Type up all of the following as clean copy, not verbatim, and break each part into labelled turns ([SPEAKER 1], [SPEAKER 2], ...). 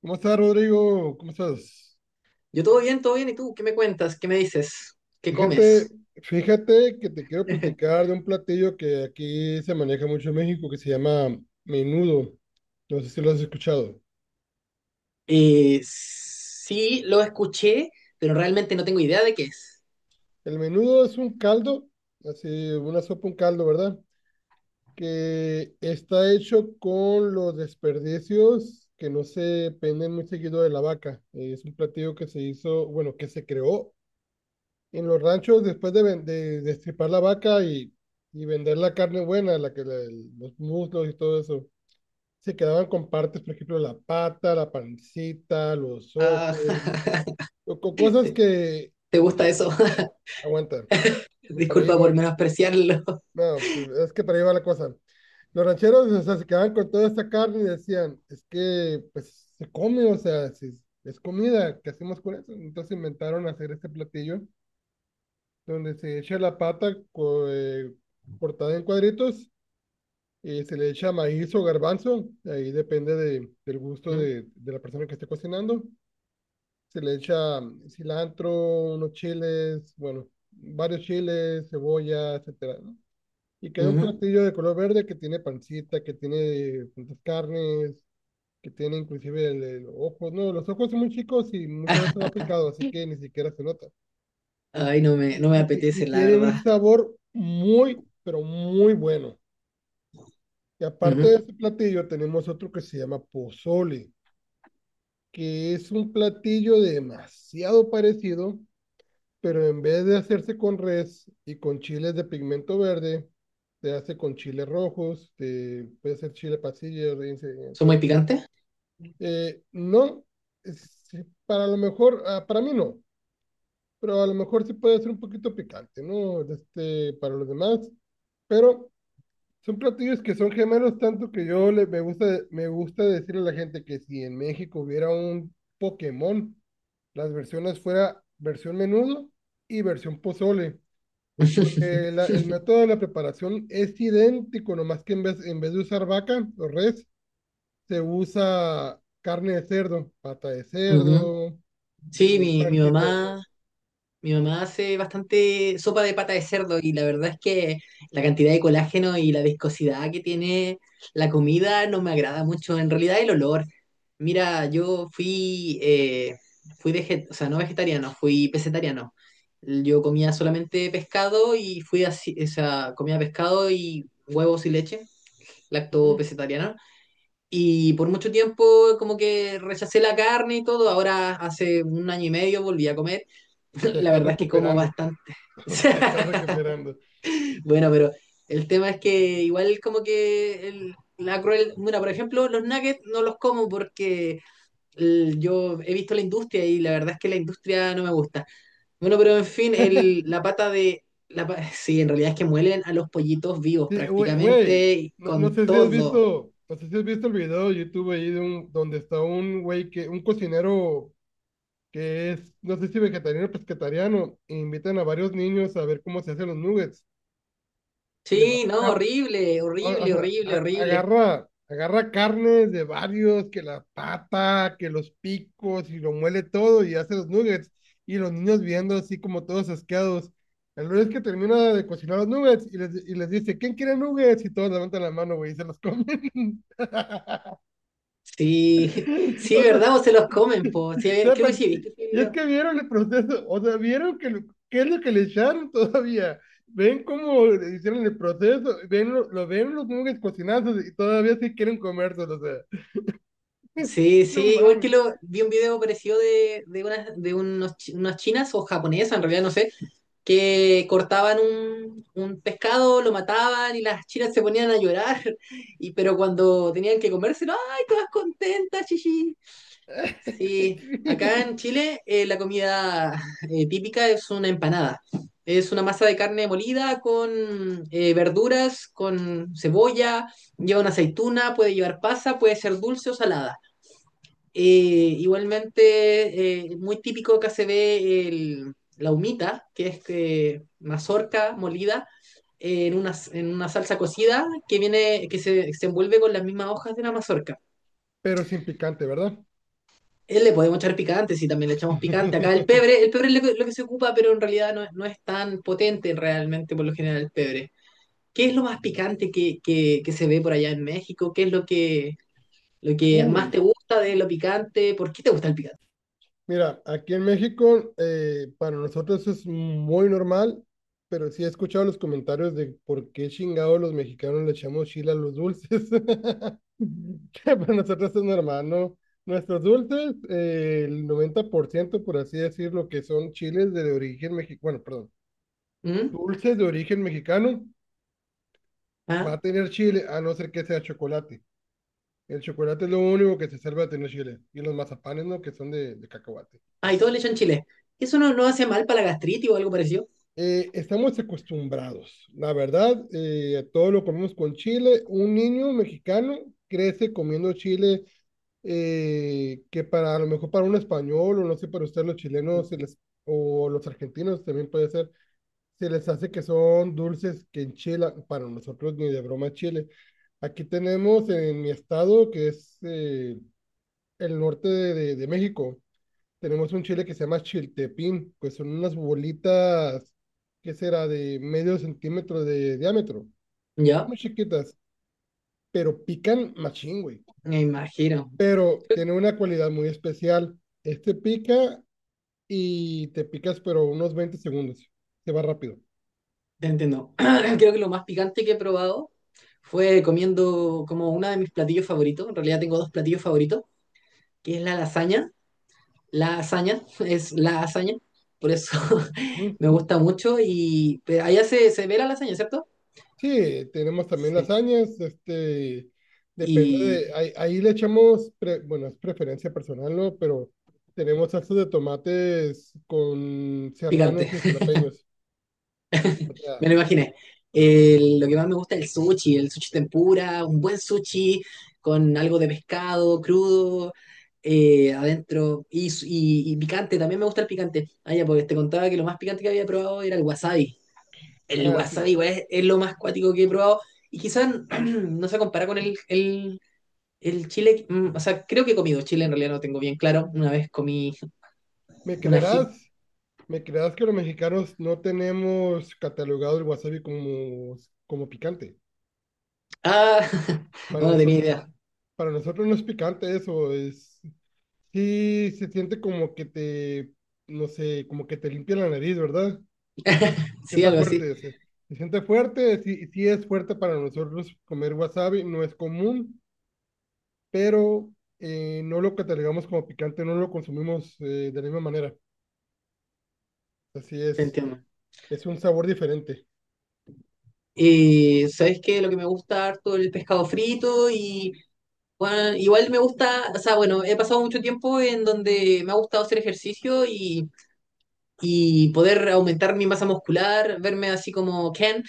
[SPEAKER 1] ¿Cómo estás, Rodrigo? ¿Cómo estás?
[SPEAKER 2] Yo todo bien, todo bien. ¿Y tú qué me cuentas? ¿Qué me dices? ¿Qué
[SPEAKER 1] Fíjate,
[SPEAKER 2] comes?
[SPEAKER 1] fíjate, que te quiero platicar de un platillo que aquí se maneja mucho en México que se llama menudo. No sé si lo has escuchado.
[SPEAKER 2] Sí, lo escuché, pero realmente no tengo idea de qué es.
[SPEAKER 1] El menudo es un caldo, así una sopa, un caldo, ¿verdad? Que está hecho con los desperdicios que no se penden muy seguido de la vaca. Es un platillo que se hizo, bueno, que se creó en los ranchos, después de, ven- de destripar la vaca y, vender la carne buena, la que la- el- los muslos y todo eso, se quedaban con partes, por ejemplo, la pata, la pancita, los
[SPEAKER 2] Ah,
[SPEAKER 1] ojos, o cosas
[SPEAKER 2] ¿te,
[SPEAKER 1] que
[SPEAKER 2] te
[SPEAKER 1] no
[SPEAKER 2] gusta eso?
[SPEAKER 1] aguantan. Para ahí
[SPEAKER 2] Disculpa por
[SPEAKER 1] voy.
[SPEAKER 2] menospreciarlo.
[SPEAKER 1] No, pues, es que para ahí va la cosa. Los rancheros, o sea, se quedaban con toda esta carne y decían, es que pues se come, o sea, si es, es comida, ¿qué hacemos con eso? Entonces inventaron hacer este platillo donde se echa la pata cortada en cuadritos y se le echa maíz o garbanzo, ahí depende del gusto
[SPEAKER 2] Mm,
[SPEAKER 1] de la persona que esté cocinando. Se le echa cilantro, unos chiles, bueno, varios chiles, cebolla, etcétera, ¿no? Y queda un
[SPEAKER 2] ujú.
[SPEAKER 1] platillo de color verde que tiene pancita, que tiene tantas carnes, que tiene inclusive el ojo. No, los ojos son muy chicos y muchas veces da picado, así que ni siquiera se nota.
[SPEAKER 2] Ay, no me,
[SPEAKER 1] y,
[SPEAKER 2] no me
[SPEAKER 1] y y
[SPEAKER 2] apetece, la
[SPEAKER 1] tiene
[SPEAKER 2] verdad.
[SPEAKER 1] un sabor muy, pero muy bueno. Y aparte de
[SPEAKER 2] Ujú.
[SPEAKER 1] ese platillo, tenemos otro que se llama pozole, que es un platillo demasiado parecido, pero en vez de hacerse con res y con chiles de pigmento verde, se hace con chiles rojos, puede ser chile pasilla, rinse, entre
[SPEAKER 2] ¿Son muy
[SPEAKER 1] otros.
[SPEAKER 2] picantes?
[SPEAKER 1] No, sí, para lo mejor, ah, para mí no, pero a lo mejor sí puede ser un poquito picante, ¿no? Este, para los demás, pero son platillos que son gemelos, tanto que yo le, me gusta decirle a la gente que si en México hubiera un Pokémon, las versiones fuera versión menudo y versión pozole, porque el método de la preparación es idéntico, nomás que en vez de usar vaca o res, se usa carne de cerdo, pata de
[SPEAKER 2] Ujú.
[SPEAKER 1] cerdo,
[SPEAKER 2] Sí, mi
[SPEAKER 1] pancita de cerdo.
[SPEAKER 2] mamá. Mi mamá hace bastante sopa de pata de cerdo, y la verdad es que la cantidad de colágeno y la viscosidad que tiene la comida no me agrada mucho. En realidad el olor. Mira, yo fui, fui o sea, no vegetariano, fui pesetariano. Yo comía solamente pescado, y fui así, o sea, comía pescado y huevos y leche, lacto
[SPEAKER 1] Ujú.
[SPEAKER 2] pesetariana. Y por mucho tiempo como que rechacé la carne y todo. Ahora hace un año y medio volví a comer.
[SPEAKER 1] Te
[SPEAKER 2] La
[SPEAKER 1] está
[SPEAKER 2] verdad es que como
[SPEAKER 1] recuperando,
[SPEAKER 2] bastante.
[SPEAKER 1] te está recuperando.
[SPEAKER 2] Bueno, pero el tema es que igual como que la cruel... Mira, por ejemplo, los nuggets no los como porque yo he visto la industria y la verdad es que la industria no me gusta. Bueno, pero en fin, el, la pata de... La, sí, en realidad es que muelen a los pollitos vivos,
[SPEAKER 1] Sí, güey,
[SPEAKER 2] prácticamente, y
[SPEAKER 1] no, no
[SPEAKER 2] con
[SPEAKER 1] sé si has
[SPEAKER 2] todo.
[SPEAKER 1] visto, no sé si has visto el video de YouTube ahí de un, donde está un güey que, un cocinero que es, no sé si vegetariano o pescetariano, e invitan a varios niños a ver cómo se hacen los nuggets. Y el
[SPEAKER 2] Sí,
[SPEAKER 1] vato
[SPEAKER 2] no, horrible,
[SPEAKER 1] o
[SPEAKER 2] horrible,
[SPEAKER 1] sea,
[SPEAKER 2] horrible, horrible.
[SPEAKER 1] agarra carnes de varios, que la pata, que los picos, y lo muele todo y hace los nuggets. Y los niños viendo así como todos asqueados. El lunes que termina de cocinar los nuggets y les dice, ¿quién quiere nuggets? Y todos levantan la mano, güey, y se los comen.
[SPEAKER 2] Sí, sí,
[SPEAKER 1] O sea,
[SPEAKER 2] ¿verdad? O se los comen, po. Sí,
[SPEAKER 1] o sea,
[SPEAKER 2] creo que
[SPEAKER 1] pa-
[SPEAKER 2] sí, ¿viste ese
[SPEAKER 1] y es
[SPEAKER 2] video?
[SPEAKER 1] que vieron el proceso, o sea, qué es lo que le echaron todavía. Ven cómo le hicieron el proceso, lo ven los nuggets cocinados y todavía sí quieren comérselos, o sea.
[SPEAKER 2] Sí, sí,
[SPEAKER 1] No
[SPEAKER 2] igual que
[SPEAKER 1] mames.
[SPEAKER 2] lo vi un video parecido de unas chinas o japonesas, en realidad no sé, que cortaban un pescado, lo mataban y las chinas se ponían a llorar, y, pero cuando tenían que comérselo, ¡ay, todas contentas, chichi! Sí, acá en
[SPEAKER 1] Sí.
[SPEAKER 2] Chile la comida típica es una empanada. Es una masa de carne molida con verduras, con cebolla, lleva una aceituna, puede llevar pasa, puede ser dulce o salada. Eh, Igualmente, muy típico acá se ve la humita, que es mazorca molida en una salsa cocida que viene, que se envuelve con las mismas hojas de la mazorca.
[SPEAKER 1] Pero sin picante, ¿verdad?
[SPEAKER 2] Él le podemos echar picante, sí, también le echamos picante. Acá el pebre es lo que se ocupa, pero en realidad no es tan potente realmente por lo general el pebre. ¿Qué es lo más picante que, que se ve por allá en México? ¿Qué es lo que más
[SPEAKER 1] Uy.
[SPEAKER 2] te gusta de lo picante? ¿Por qué te gusta el picante?
[SPEAKER 1] Mira, aquí en México para nosotros es muy normal, pero sí he escuchado los comentarios de por qué chingados los mexicanos le echamos chile a los dulces. Que para nosotros es normal, ¿no? Nuestros dulces, el 90%, por ciento, por así decirlo, que son chiles de origen mexicano, bueno, perdón,
[SPEAKER 2] ¿Mm?
[SPEAKER 1] dulces de origen mexicano, va
[SPEAKER 2] ¿Ah?
[SPEAKER 1] a tener chile, a no ser que sea chocolate. El chocolate es lo único que se salva de tener chile. Y los mazapanes, ¿no? Que son de cacahuate.
[SPEAKER 2] Ah, y todos le echan chile. ¿Eso no hace mal para la gastritis o algo parecido?
[SPEAKER 1] Estamos acostumbrados, la verdad, todo lo comemos con chile. Un niño mexicano crece comiendo chile que para a lo mejor para un español o no sé, para usted los chilenos se les, o los argentinos también puede ser, se les hace que son dulces que enchilan, para nosotros ni de broma chile. Aquí tenemos en mi estado, que es el norte de, de México, tenemos un chile que se llama chiltepín, pues son unas bolitas, ¿qué será? De medio centímetro de diámetro. Son
[SPEAKER 2] Ya,
[SPEAKER 1] muy chiquitas, pero pican machín, güey.
[SPEAKER 2] me imagino.
[SPEAKER 1] Pero tiene una cualidad muy especial. Este pica y te picas, pero unos 20 segundos. Se va rápido.
[SPEAKER 2] Te entiendo. Creo que lo más picante que he probado fue comiendo como uno de mis platillos favoritos. En realidad tengo dos platillos favoritos, que es la lasaña. La lasaña es la lasaña. Por eso
[SPEAKER 1] Ujú.
[SPEAKER 2] me gusta mucho. Y pero allá se ve la lasaña, ¿cierto?
[SPEAKER 1] Sí, tenemos también
[SPEAKER 2] Sí.
[SPEAKER 1] lasañas, este, depende de,
[SPEAKER 2] Y
[SPEAKER 1] ahí, ahí le echamos, pre- bueno, es preferencia personal, ¿no? Pero tenemos salsas de tomates con
[SPEAKER 2] picante.
[SPEAKER 1] serranos y jalapeños. O sea,
[SPEAKER 2] Me lo imaginé. Lo que más me gusta es el sushi tempura, un buen sushi con algo de pescado crudo adentro y, y picante. También me gusta el picante. Ah, ya, porque te contaba que lo más picante que había probado era el wasabi. El
[SPEAKER 1] ah,
[SPEAKER 2] wasabi
[SPEAKER 1] sí.
[SPEAKER 2] igual es lo más cuático que he probado, y quizás no se compara con el chile. O sea, creo que he comido chile, en realidad no tengo bien claro. Una vez comí
[SPEAKER 1] ¿Me
[SPEAKER 2] una ají.
[SPEAKER 1] creerás? ¿Me creerás que los mexicanos no tenemos catalogado el wasabi como, como picante?
[SPEAKER 2] Ah, no,
[SPEAKER 1] Para
[SPEAKER 2] no tenía
[SPEAKER 1] nosotros,
[SPEAKER 2] idea.
[SPEAKER 1] para nosotros no es picante eso, es sí se siente como que te, no sé, como que te limpia la nariz, ¿verdad?
[SPEAKER 2] Sí,
[SPEAKER 1] Sienta
[SPEAKER 2] algo así.
[SPEAKER 1] fuerte, se siente fuerte, sí, sí es fuerte para nosotros comer wasabi, no es común, pero no lo catalogamos como picante, no lo consumimos de la misma manera. Así
[SPEAKER 2] Se entiende.
[SPEAKER 1] es un sabor diferente.
[SPEAKER 2] ¿Sabes qué? Lo que me gusta harto el pescado frito y bueno, igual me gusta, o sea, bueno, he pasado mucho tiempo en donde me ha gustado hacer ejercicio y poder aumentar mi masa muscular, verme así como Ken.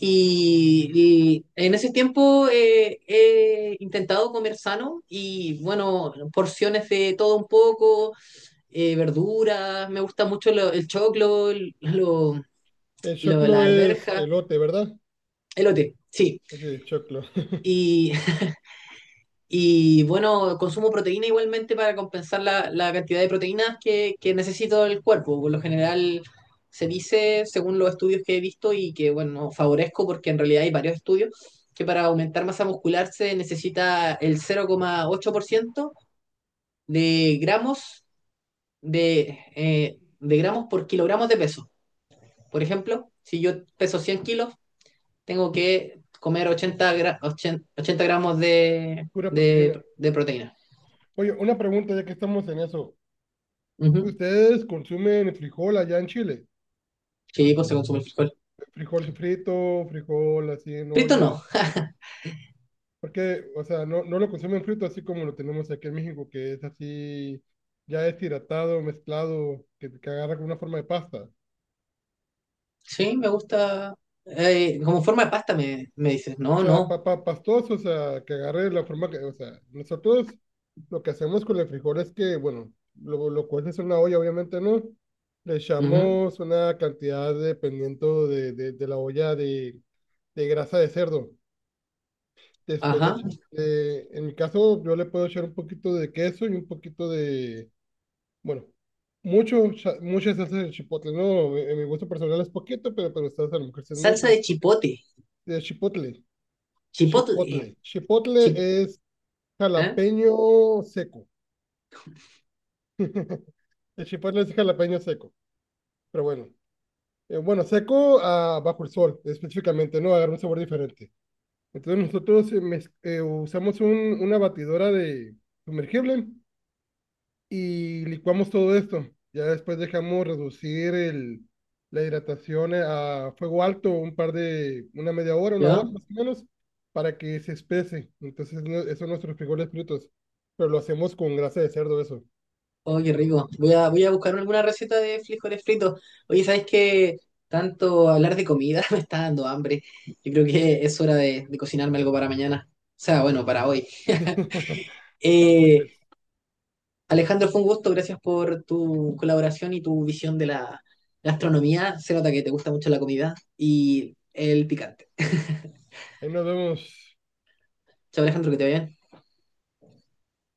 [SPEAKER 2] Y en ese tiempo he intentado comer sano y bueno, porciones de todo un poco, verduras, me gusta mucho el choclo,
[SPEAKER 1] El
[SPEAKER 2] la
[SPEAKER 1] choclo es
[SPEAKER 2] arveja,
[SPEAKER 1] elote, ¿verdad?
[SPEAKER 2] elote, sí.
[SPEAKER 1] Ese es choclo.
[SPEAKER 2] Y y bueno, consumo proteína igualmente para compensar la, la cantidad de proteínas que necesito el cuerpo. Por lo general se dice, según los estudios que he visto y que, bueno, favorezco porque en realidad hay varios estudios, que para aumentar masa muscular se necesita el 0,8% de gramos, de gramos por kilogramos de peso. Por ejemplo, si yo peso 100 kilos, tengo que comer 80 gramos
[SPEAKER 1] Pura proteína.
[SPEAKER 2] de proteína.
[SPEAKER 1] Oye, una pregunta ya que estamos en eso.
[SPEAKER 2] Ujú.
[SPEAKER 1] ¿Ustedes consumen frijol allá en Chile?
[SPEAKER 2] Sí, pues se consume el frijol.
[SPEAKER 1] Frijol frito, frijol así en
[SPEAKER 2] Frito
[SPEAKER 1] olla.
[SPEAKER 2] no.
[SPEAKER 1] Porque, o sea, no, no lo consumen frito así como lo tenemos aquí en México, que es así, ya deshidratado, mezclado, que agarra con una forma de pasta.
[SPEAKER 2] Sí, me gusta. Como forma de pasta me, me dices.
[SPEAKER 1] O
[SPEAKER 2] No,
[SPEAKER 1] sea,
[SPEAKER 2] no.
[SPEAKER 1] papa pastoso, o sea, que agarre la forma que, o sea, nosotros lo que hacemos con el frijol es que, bueno, lo cueces en una olla, obviamente no. Le
[SPEAKER 2] Ujú.
[SPEAKER 1] echamos una cantidad dependiendo de la olla de grasa de cerdo. Después le,
[SPEAKER 2] Ajá.
[SPEAKER 1] en mi caso, yo le puedo echar un poquito de queso y un poquito de, bueno, mucho, mucha salsa de chipotle, ¿no? En mi gusto personal es poquito, pero ustedes a lo mejor sí es
[SPEAKER 2] Salsa
[SPEAKER 1] mucho.
[SPEAKER 2] de chipote.
[SPEAKER 1] De chipotle,
[SPEAKER 2] Chipote.
[SPEAKER 1] chipotle. Chipotle
[SPEAKER 2] Chip,
[SPEAKER 1] es
[SPEAKER 2] ¿Eh?
[SPEAKER 1] jalapeño seco. El chipotle es jalapeño seco, pero bueno. Bueno, seco ah, bajo el sol, específicamente, ¿no? Agarra un sabor diferente. Entonces nosotros usamos una batidora de sumergible y licuamos todo esto. Ya después dejamos reducir el, la hidratación a fuego alto un par de, una media hora, una hora
[SPEAKER 2] ¿Yo?
[SPEAKER 1] más o menos, para que se espese. Entonces, no- esos son nuestros frijoles fritos, pero lo hacemos con grasa de cerdo, eso.
[SPEAKER 2] Oh, qué rico. Voy a buscar alguna receta de frijoles fritos. Oye, ¿sabes qué? Tanto hablar de comida me está dando hambre. Yo creo que es hora de cocinarme algo para mañana. O sea, bueno, para hoy.
[SPEAKER 1] Ándale,
[SPEAKER 2] Eh,
[SPEAKER 1] pues,
[SPEAKER 2] Alejandro, fue un gusto, gracias por tu colaboración y tu visión de la astronomía. Se nota que te gusta mucho la comida y el picante.
[SPEAKER 1] ahí nos vemos.
[SPEAKER 2] Chao, Alejandro, que te vaya bien.